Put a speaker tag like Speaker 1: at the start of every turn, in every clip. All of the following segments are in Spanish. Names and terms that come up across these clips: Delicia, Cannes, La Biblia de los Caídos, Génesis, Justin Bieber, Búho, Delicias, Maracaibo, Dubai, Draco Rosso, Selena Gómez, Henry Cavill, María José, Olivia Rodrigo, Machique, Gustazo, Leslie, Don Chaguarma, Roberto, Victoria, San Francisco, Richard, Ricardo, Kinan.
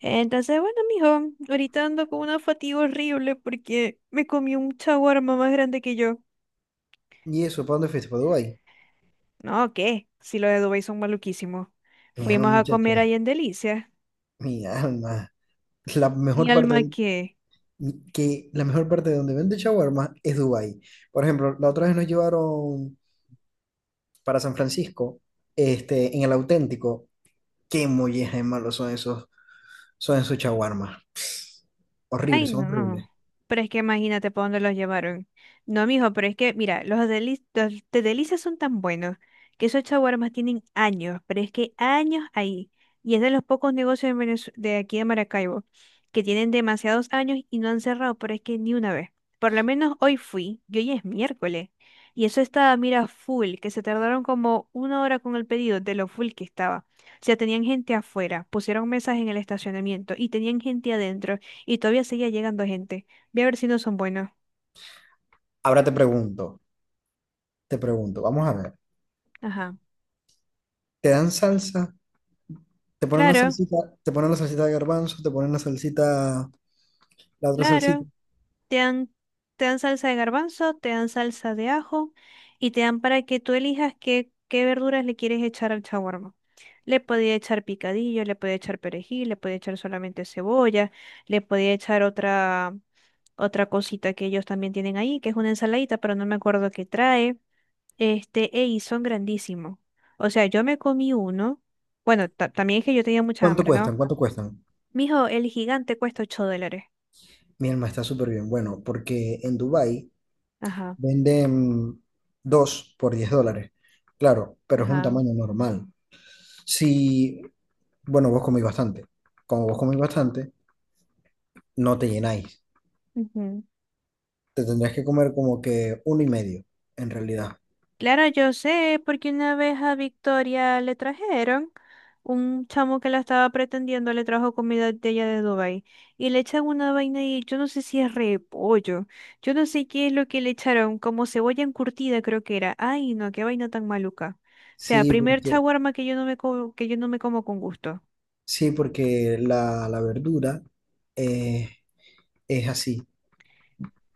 Speaker 1: Entonces, bueno, mijo, ahorita ando con una fatiga horrible porque me comí un chaguarma más grande que yo.
Speaker 2: ¿Y eso? ¿Para dónde fuiste? ¿Para Dubái?
Speaker 1: No, ¿qué? Si los de Dubái son maluquísimos.
Speaker 2: Mi alma,
Speaker 1: Fuimos a comer
Speaker 2: muchacha.
Speaker 1: ahí en Delicia.
Speaker 2: Mi alma. La
Speaker 1: Mi
Speaker 2: mejor parte
Speaker 1: alma,
Speaker 2: de-
Speaker 1: ¿qué?
Speaker 2: que la mejor parte de donde vende shawarma es Dubái. Por ejemplo, la otra vez nos llevaron para San Francisco, en el auténtico. Qué molleja de malos son esos shawarmas.
Speaker 1: Ay,
Speaker 2: Horribles, son
Speaker 1: no.
Speaker 2: horribles.
Speaker 1: Pero es que imagínate por dónde los llevaron. No, mijo, pero es que, mira, los de delicias son tan buenos que esos chaguarmas tienen años, pero es que años ahí. Y es de los pocos negocios de aquí de Maracaibo que tienen demasiados años y no han cerrado, pero es que ni una vez. Por lo menos hoy fui, y hoy es miércoles. Y eso estaba, mira, full, que se tardaron como una hora con el pedido de lo full que estaba. O sea, tenían gente afuera, pusieron mesas en el estacionamiento y tenían gente adentro. Y todavía seguía llegando gente. Voy a ver si no son buenos.
Speaker 2: Ahora te pregunto, vamos a ver.
Speaker 1: Ajá.
Speaker 2: ¿Te dan salsa? ¿Te ponen la
Speaker 1: Claro,
Speaker 2: salsita? ¿Te ponen la salsita de garbanzo? ¿Te ponen la salsita, la otra salsita?
Speaker 1: claro. Te dan, te dan salsa de garbanzo, te dan salsa de ajo y te dan para que tú elijas qué, qué verduras le quieres echar al shawarma. Le podía echar picadillo, le podía echar perejil, le podía echar solamente cebolla, le podía echar otra, otra cosita que ellos también tienen ahí, que es una ensaladita, pero no me acuerdo qué trae. Este, ey, son grandísimos. O sea, yo me comí uno. Bueno, también es que yo tenía mucha
Speaker 2: ¿Cuánto
Speaker 1: hambre, ¿no?
Speaker 2: cuestan? ¿Cuánto cuestan?
Speaker 1: Mijo, el gigante cuesta 8 dólares.
Speaker 2: Mi alma, está súper bien. Bueno, porque en Dubái
Speaker 1: Ajá,
Speaker 2: venden dos por $10. Claro, pero es un
Speaker 1: ajá.
Speaker 2: tamaño normal. Si, bueno, vos comís bastante. Como vos
Speaker 1: Ok.
Speaker 2: comís bastante, no te llenáis.
Speaker 1: Ujú.
Speaker 2: Te tendrías que comer como que uno y medio, en realidad.
Speaker 1: Claro, yo sé, porque una vez a Victoria le trajeron, un chamo que la estaba pretendiendo le trajo comida de ella de Dubái y le echan una vaina y yo no sé si es repollo, yo no sé qué es lo que le echaron, como cebolla encurtida creo que era. Ay, no, qué vaina tan maluca. O sea,
Speaker 2: Sí,
Speaker 1: primer
Speaker 2: porque,
Speaker 1: chaguarma que yo no que yo no me como con gusto.
Speaker 2: sí, porque la verdura eh, es así.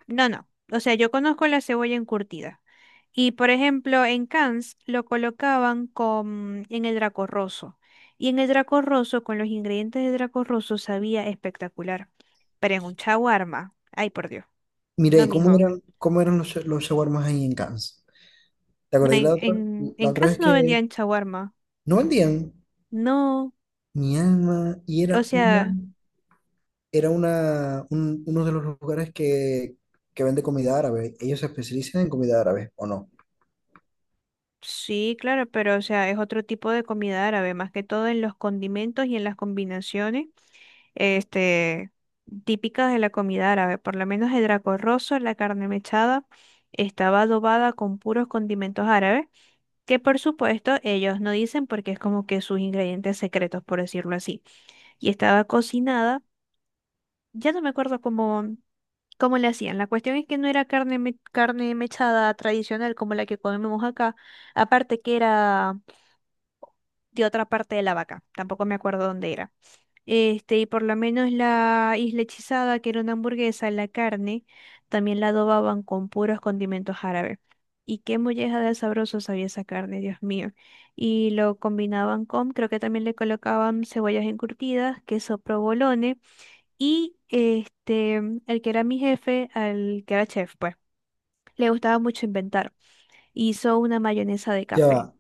Speaker 1: No, no. O sea, yo conozco la cebolla encurtida. Y por ejemplo, en Cannes lo colocaban con, en el Draco Rosso. Y en el Draco Rosso, con los ingredientes de Draco Rosso, sabía espectacular. Pero en un shawarma. Ay, por Dios.
Speaker 2: Mira,
Speaker 1: No,
Speaker 2: ¿y cómo
Speaker 1: mijo.
Speaker 2: eran, cómo eran los shawarmas ahí en Cannes? ¿Te
Speaker 1: No,
Speaker 2: acordás
Speaker 1: en,
Speaker 2: la otra,
Speaker 1: en,
Speaker 2: la
Speaker 1: en
Speaker 2: otra
Speaker 1: Cannes
Speaker 2: vez
Speaker 1: no
Speaker 2: que
Speaker 1: vendían shawarma.
Speaker 2: no vendían?
Speaker 1: No.
Speaker 2: Mi alma, y
Speaker 1: O
Speaker 2: era una,
Speaker 1: sea,
Speaker 2: era una, un- uno de los lugares que vende comida árabe. Ellos se especializan en comida árabe, ¿o no?
Speaker 1: sí, claro, pero o sea, es otro tipo de comida árabe, más que todo en los condimentos y en las combinaciones este, típicas de la comida árabe, por lo menos el draco rosso, la carne mechada, estaba adobada con puros condimentos árabes, que por supuesto ellos no dicen porque es como que sus ingredientes secretos, por decirlo así. Y estaba cocinada, ya no me acuerdo cómo, cómo le hacían. La cuestión es que no era carne, carne mechada tradicional como la que comemos acá, aparte que era de otra parte de la vaca, tampoco me acuerdo dónde era. Este, y por lo menos la isla hechizada, que era una hamburguesa, la carne, también la adobaban con puros condimentos árabes. Y qué molleja de sabroso sabía esa carne, Dios mío. Y lo combinaban con, creo que también le colocaban cebollas encurtidas, queso provolone, y este, el que era mi jefe, al que era chef, pues, le gustaba mucho inventar. Hizo una mayonesa de
Speaker 2: Ya
Speaker 1: café.
Speaker 2: va,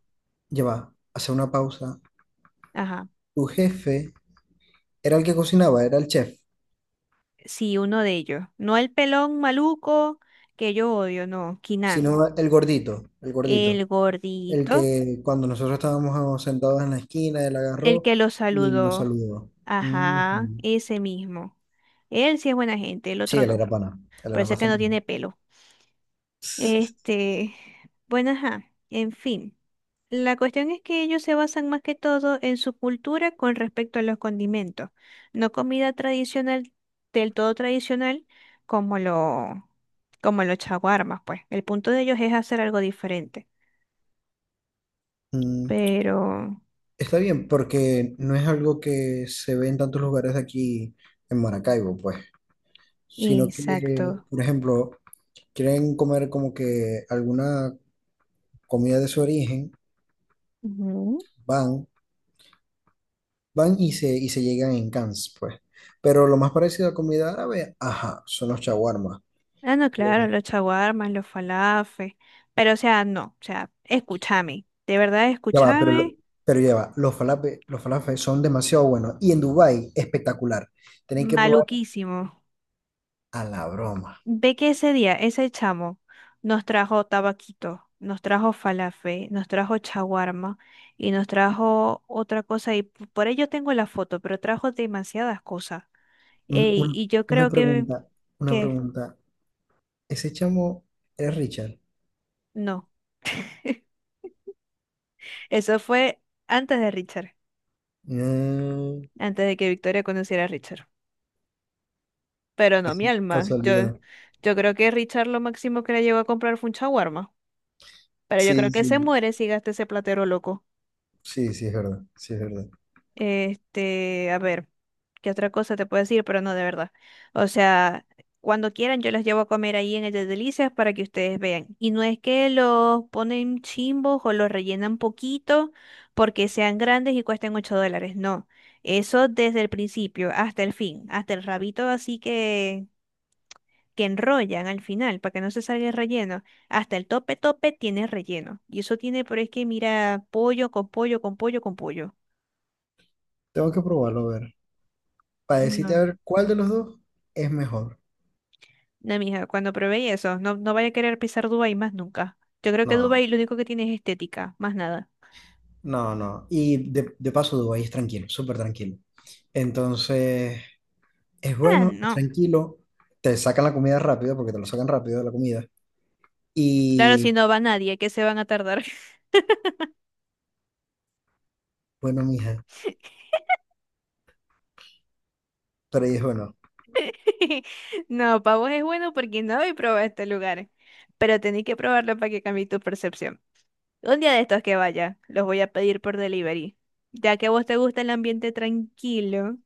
Speaker 2: ya va, hace una pausa.
Speaker 1: Ajá.
Speaker 2: Tu jefe era el que cocinaba, era el chef,
Speaker 1: Sí, uno de ellos. No el pelón maluco, que yo odio, no, Kinan.
Speaker 2: sino el gordito, el gordito,
Speaker 1: El
Speaker 2: el
Speaker 1: gordito,
Speaker 2: que cuando nosotros estábamos sentados en la esquina, él
Speaker 1: el
Speaker 2: agarró
Speaker 1: que lo
Speaker 2: y nos
Speaker 1: saludó.
Speaker 2: saludó. Ujú.
Speaker 1: Ajá, ese mismo. Él sí es buena gente, el
Speaker 2: Sí,
Speaker 1: otro
Speaker 2: él
Speaker 1: no.
Speaker 2: era pana, él era
Speaker 1: Parece que no
Speaker 2: bastante pana.
Speaker 1: tiene pelo. Este, bueno, ajá, en fin. La cuestión es que ellos se basan más que todo en su cultura con respecto a los condimentos, no comida tradicional, del todo tradicional, como lo, como los chaguarmas, pues. El punto de ellos es hacer algo diferente. Pero,
Speaker 2: Está bien, porque no es algo que se ve en tantos lugares de aquí en Maracaibo, pues, sino que,
Speaker 1: exacto.
Speaker 2: por ejemplo, quieren comer como que alguna comida de su origen,
Speaker 1: Ujú.
Speaker 2: van, van se llegan en cans, pues. Pero lo más parecido a comida árabe, ajá, son los shawarma.
Speaker 1: Ah, no,
Speaker 2: Ya
Speaker 1: claro, los chaguarmas, los falafes. Pero, o sea, no, o sea, escúchame. De verdad,
Speaker 2: va, pero, lo-
Speaker 1: escúchame.
Speaker 2: pero ya va, los falafel son demasiado buenos. Y en Dubái, espectacular. Tenéis que probar
Speaker 1: Maluquísimo.
Speaker 2: a la broma.
Speaker 1: Ve que ese día, ese chamo nos trajo tabaquito, nos trajo falafe, nos trajo chaguarma y nos trajo otra cosa. Y por ello tengo la foto, pero trajo demasiadas cosas.
Speaker 2: Un-
Speaker 1: Ey,
Speaker 2: un-
Speaker 1: y yo
Speaker 2: una
Speaker 1: creo
Speaker 2: pregunta, una
Speaker 1: que
Speaker 2: pregunta. Ese chamo es Richard.
Speaker 1: no. Eso fue antes de Richard,
Speaker 2: No,
Speaker 1: antes de que Victoria conociera a Richard. Pero no mi
Speaker 2: casu-
Speaker 1: alma. Yo,
Speaker 2: casualidad.
Speaker 1: yo creo que Richard lo máximo que le llegó a comprar fue un shawarma. Pero yo creo
Speaker 2: Sí,
Speaker 1: que se
Speaker 2: sí.
Speaker 1: muere si gasta ese platero loco.
Speaker 2: Sí, sí, es verdad. Sí, es verdad.
Speaker 1: Este, a ver, ¿qué otra cosa te puedo decir? Pero no, de verdad. O sea, cuando quieran yo los llevo a comer ahí en el de Delicias para que ustedes vean. Y no es que los ponen chimbos o los rellenan poquito porque sean grandes y cuesten 8 dólares. No. Eso desde el principio hasta el fin, hasta el rabito así que enrollan al final para que no se salga el relleno. Hasta el tope tope tiene relleno. Y eso tiene, pero es que mira, pollo con pollo con pollo con pollo.
Speaker 2: Tengo que probarlo a ver. Para decirte a
Speaker 1: No.
Speaker 2: ver cuál de los dos es mejor.
Speaker 1: No, mija, cuando probé eso, no, no vaya a querer pisar Dubái más nunca. Yo creo que
Speaker 2: No,
Speaker 1: Dubái lo único que tiene es estética, más nada.
Speaker 2: no, no. Y de paso, Dubái es tranquilo, súper tranquilo. Entonces, es
Speaker 1: Ah,
Speaker 2: bueno, es
Speaker 1: no.
Speaker 2: tranquilo. Te sacan la comida rápido, porque te lo sacan rápido la comida.
Speaker 1: Claro,
Speaker 2: Y
Speaker 1: si no va nadie, ¿que se van a tardar?
Speaker 2: bueno, mija, pero ahí es bueno.
Speaker 1: No, para vos es bueno porque no habéis probado este lugar. Pero tenéis que probarlo para que cambie tu percepción. Un día de estos que vaya, los voy a pedir por delivery. Ya que a vos te gusta el ambiente tranquilo,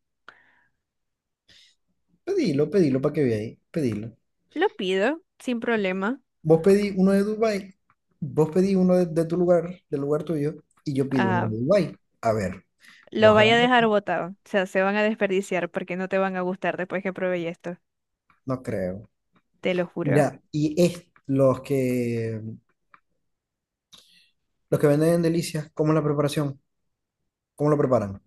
Speaker 2: Pedilo, pedilo para que veáis. Pedilo.
Speaker 1: lo pido sin problema.
Speaker 2: Vos pedí uno de Dubai, vos pedí uno de tu lugar, del lugar tuyo, y yo pido uno
Speaker 1: Ah,
Speaker 2: de Dubái. A ver,
Speaker 1: lo
Speaker 2: ¿vos
Speaker 1: vaya a
Speaker 2: agarrás?
Speaker 1: dejar botado. O sea, se van a desperdiciar porque no te van a gustar después que probé esto.
Speaker 2: No creo.
Speaker 1: Te lo juro.
Speaker 2: Mira, y es los que venden en Delicias, ¿cómo es la preparación? ¿Cómo lo preparan?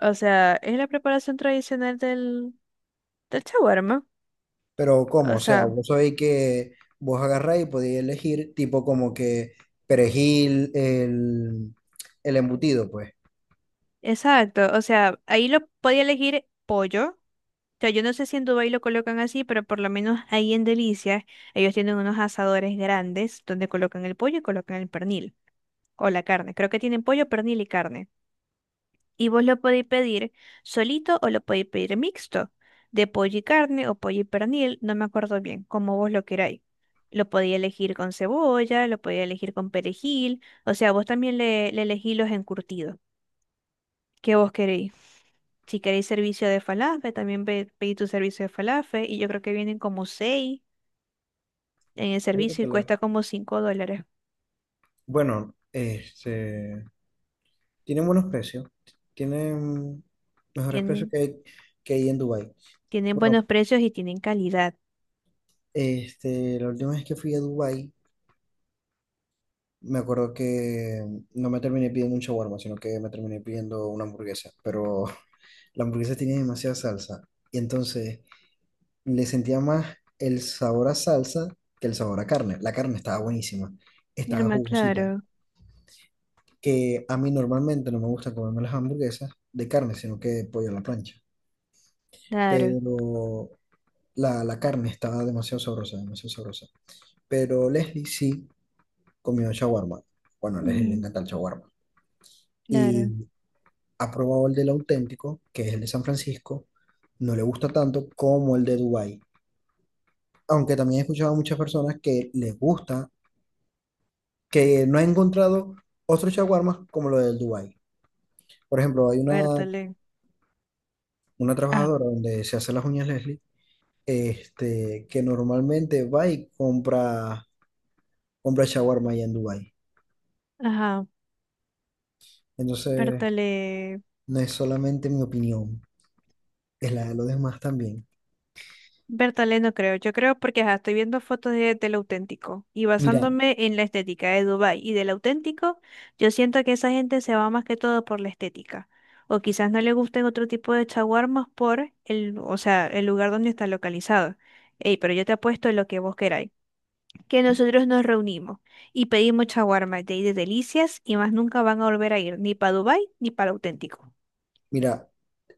Speaker 1: O sea, es la preparación tradicional del, del shawarma.
Speaker 2: Pero ¿cómo?
Speaker 1: O
Speaker 2: O sea,
Speaker 1: sea,
Speaker 2: vos sabéis que vos agarráis y podéis elegir tipo como que perejil, el embutido, pues.
Speaker 1: exacto. O sea, ahí lo podía elegir pollo. O sea, yo no sé si en Dubái lo colocan así, pero por lo menos ahí en Delicias, ellos tienen unos asadores grandes donde colocan el pollo y colocan el pernil. O la carne. Creo que tienen pollo, pernil y carne. Y vos lo podéis pedir solito o lo podéis pedir mixto, de pollo y carne o pollo y pernil, no me acuerdo bien, como vos lo queráis. Lo podéis elegir con cebolla, lo podéis elegir con perejil, o sea, vos también le elegís los encurtidos que vos queréis. Si queréis servicio de falafel, también pedí tu servicio de falafel y yo creo que vienen como seis en el
Speaker 2: Ahí lo
Speaker 1: servicio y
Speaker 2: tenés.
Speaker 1: cuesta como cinco dólares.
Speaker 2: Bueno, tienen buenos precios. Tienen mejores precios
Speaker 1: Tienen,
Speaker 2: que hay en Dubái.
Speaker 1: tienen buenos
Speaker 2: Bueno,
Speaker 1: precios y tienen calidad.
Speaker 2: la última vez que fui a Dubái, me acuerdo que no me terminé pidiendo un shawarma, sino que me terminé pidiendo una hamburguesa. Pero la hamburguesa tenía demasiada salsa. Y entonces le sentía más el sabor a salsa que el sabor a carne. La carne estaba buenísima. Estaba
Speaker 1: Norma,
Speaker 2: jugosita.
Speaker 1: claro,
Speaker 2: Que a mí normalmente no me gusta comerme las hamburguesas de carne, sino que pollo a la plancha.
Speaker 1: claro.
Speaker 2: Pero la carne estaba demasiado sabrosa, demasiado sabrosa. Pero Leslie sí comió shawarma. Bueno, a Leslie le
Speaker 1: Ujú,
Speaker 2: encanta el shawarma.
Speaker 1: claro,
Speaker 2: Y ha probado el del auténtico, que es el de San Francisco. No le gusta tanto como el de Dubái. Aunque también he escuchado a muchas personas que les gusta, que no ha encontrado otros shawarmas como lo del Dubái. Por ejemplo, hay una,
Speaker 1: Bertale.
Speaker 2: una
Speaker 1: Ah,
Speaker 2: trabajadora donde se hace las uñas Leslie, que normalmente va y compra shawarma allá en Dubái.
Speaker 1: ajá,
Speaker 2: Entonces.
Speaker 1: Bertale.
Speaker 2: No es solamente mi opinión, es la de los demás también.
Speaker 1: Bertale no creo. Yo creo porque ajá, estoy viendo fotos de, del auténtico y
Speaker 2: Mira,
Speaker 1: basándome en la estética de Dubái y del auténtico, yo siento que esa gente se va más que todo por la estética. O quizás no le gusten otro tipo de chaguarmas por el, o sea, el lugar donde está localizado. Ey, pero yo te apuesto lo que vos queráis. Que nosotros nos reunimos y pedimos chaguarmas de ahí de delicias y más nunca van a volver a ir ni para Dubái ni para el auténtico.
Speaker 2: mira,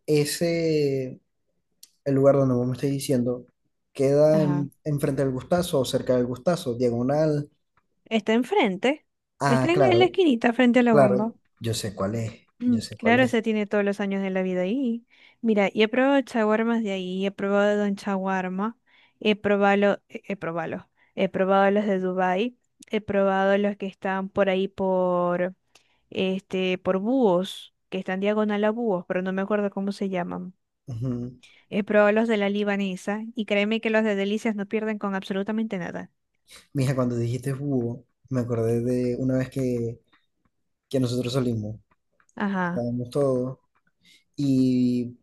Speaker 2: ese, el lugar donde vos me estáis diciendo, queda enfrente del Gustazo o cerca del Gustazo, diagonal.
Speaker 1: Está enfrente.
Speaker 2: Ah,
Speaker 1: Está en la
Speaker 2: claro,
Speaker 1: esquinita frente a la
Speaker 2: claro,
Speaker 1: bomba.
Speaker 2: yo sé cuál es,
Speaker 1: Mm,
Speaker 2: yo sé cuál
Speaker 1: claro,
Speaker 2: es.
Speaker 1: se tiene todos los años de la vida ahí. Mira, y he probado chaguarmas de ahí, he probado Don Chaguarma, he probado, he probado, he probado los de Dubai, he probado los que están por ahí por, este, por búhos, que están diagonal a búhos, pero no me acuerdo cómo se llaman.
Speaker 2: Ujú.
Speaker 1: He probado los de la libanesa y créeme que los de delicias no pierden con absolutamente nada.
Speaker 2: Mija, cuando dijiste búho, me acordé de una vez que nosotros salimos,
Speaker 1: Ajá.
Speaker 2: estábamos todos, y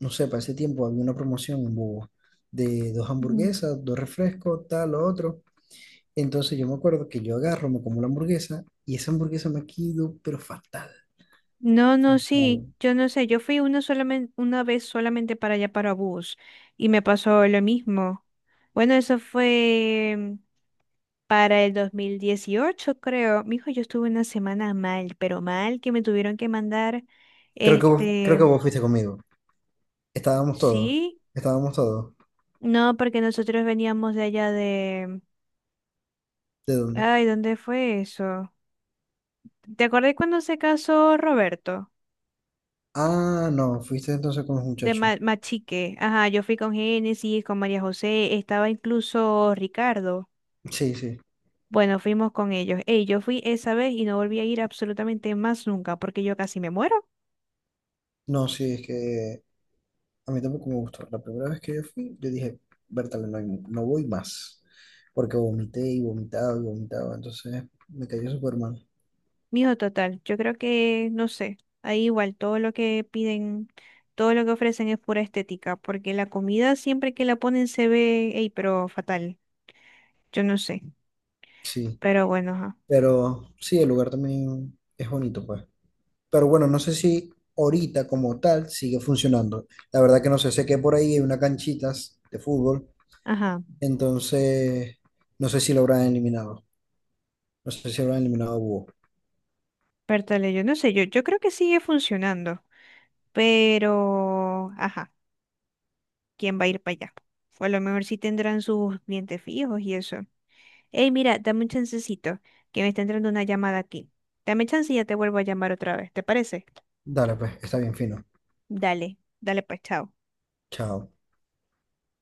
Speaker 2: no sé, para ese tiempo había una promoción en búho, de dos
Speaker 1: Ujú.
Speaker 2: hamburguesas, dos refrescos, tal, lo otro. Entonces yo me acuerdo que yo agarro, me como la hamburguesa y esa hamburguesa me quedó, pero fatal.
Speaker 1: No, no, sí,
Speaker 2: Claro.
Speaker 1: yo no sé, yo fui una solamente, una vez solamente para allá para bus y me pasó lo mismo. Bueno, eso fue para el 2018, creo. Mijo, yo estuve una semana mal, pero mal que me tuvieron que mandar,
Speaker 2: Creo que vos, creo
Speaker 1: este,
Speaker 2: que vos fuiste conmigo. Estábamos todos.
Speaker 1: sí,
Speaker 2: Estábamos todos.
Speaker 1: no, porque nosotros veníamos de allá de,
Speaker 2: ¿De dónde?
Speaker 1: ay, ¿dónde fue eso? ¿Te acordás cuando se casó Roberto?
Speaker 2: Ah, no, fuiste entonces con los
Speaker 1: De
Speaker 2: muchachos.
Speaker 1: Machique, ajá, yo fui con Génesis, con María José, estaba incluso Ricardo.
Speaker 2: Sí, sí.
Speaker 1: Bueno, fuimos con ellos. Ey, yo fui esa vez y no volví a ir absolutamente más nunca porque yo casi me muero.
Speaker 2: No, sí, es que a mí tampoco me gustó. La primera vez que yo fui, yo dije, Bertale, no, no voy más. Porque vomité y vomitaba y vomitaba. Entonces me cayó súper mal.
Speaker 1: Mijo, total, yo creo que, no sé, ahí igual todo lo que piden, todo lo que ofrecen es pura estética, porque la comida siempre que la ponen se ve, ey, pero fatal. Yo no sé,
Speaker 2: Sí.
Speaker 1: pero bueno, ajá.
Speaker 2: Pero sí, el lugar también es bonito, pues. Pero bueno, no sé si ahorita como tal sigue funcionando. La verdad que no sé, sé que por ahí hay unas canchitas de fútbol,
Speaker 1: Ajá,
Speaker 2: entonces no sé si lo habrán eliminado. No sé si lo habrán eliminado a Búho.
Speaker 1: pértale, yo no sé, yo creo que sigue funcionando, pero, ajá. ¿Quién va a ir para allá? O a lo mejor sí tendrán sus clientes fijos y eso. Ey, mira, dame un chancecito, que me está entrando una llamada aquí. Dame chance y ya te vuelvo a llamar otra vez, ¿te parece?
Speaker 2: Dale, pues, está bien fino.
Speaker 1: Dale, dale pues, chao.
Speaker 2: Chao.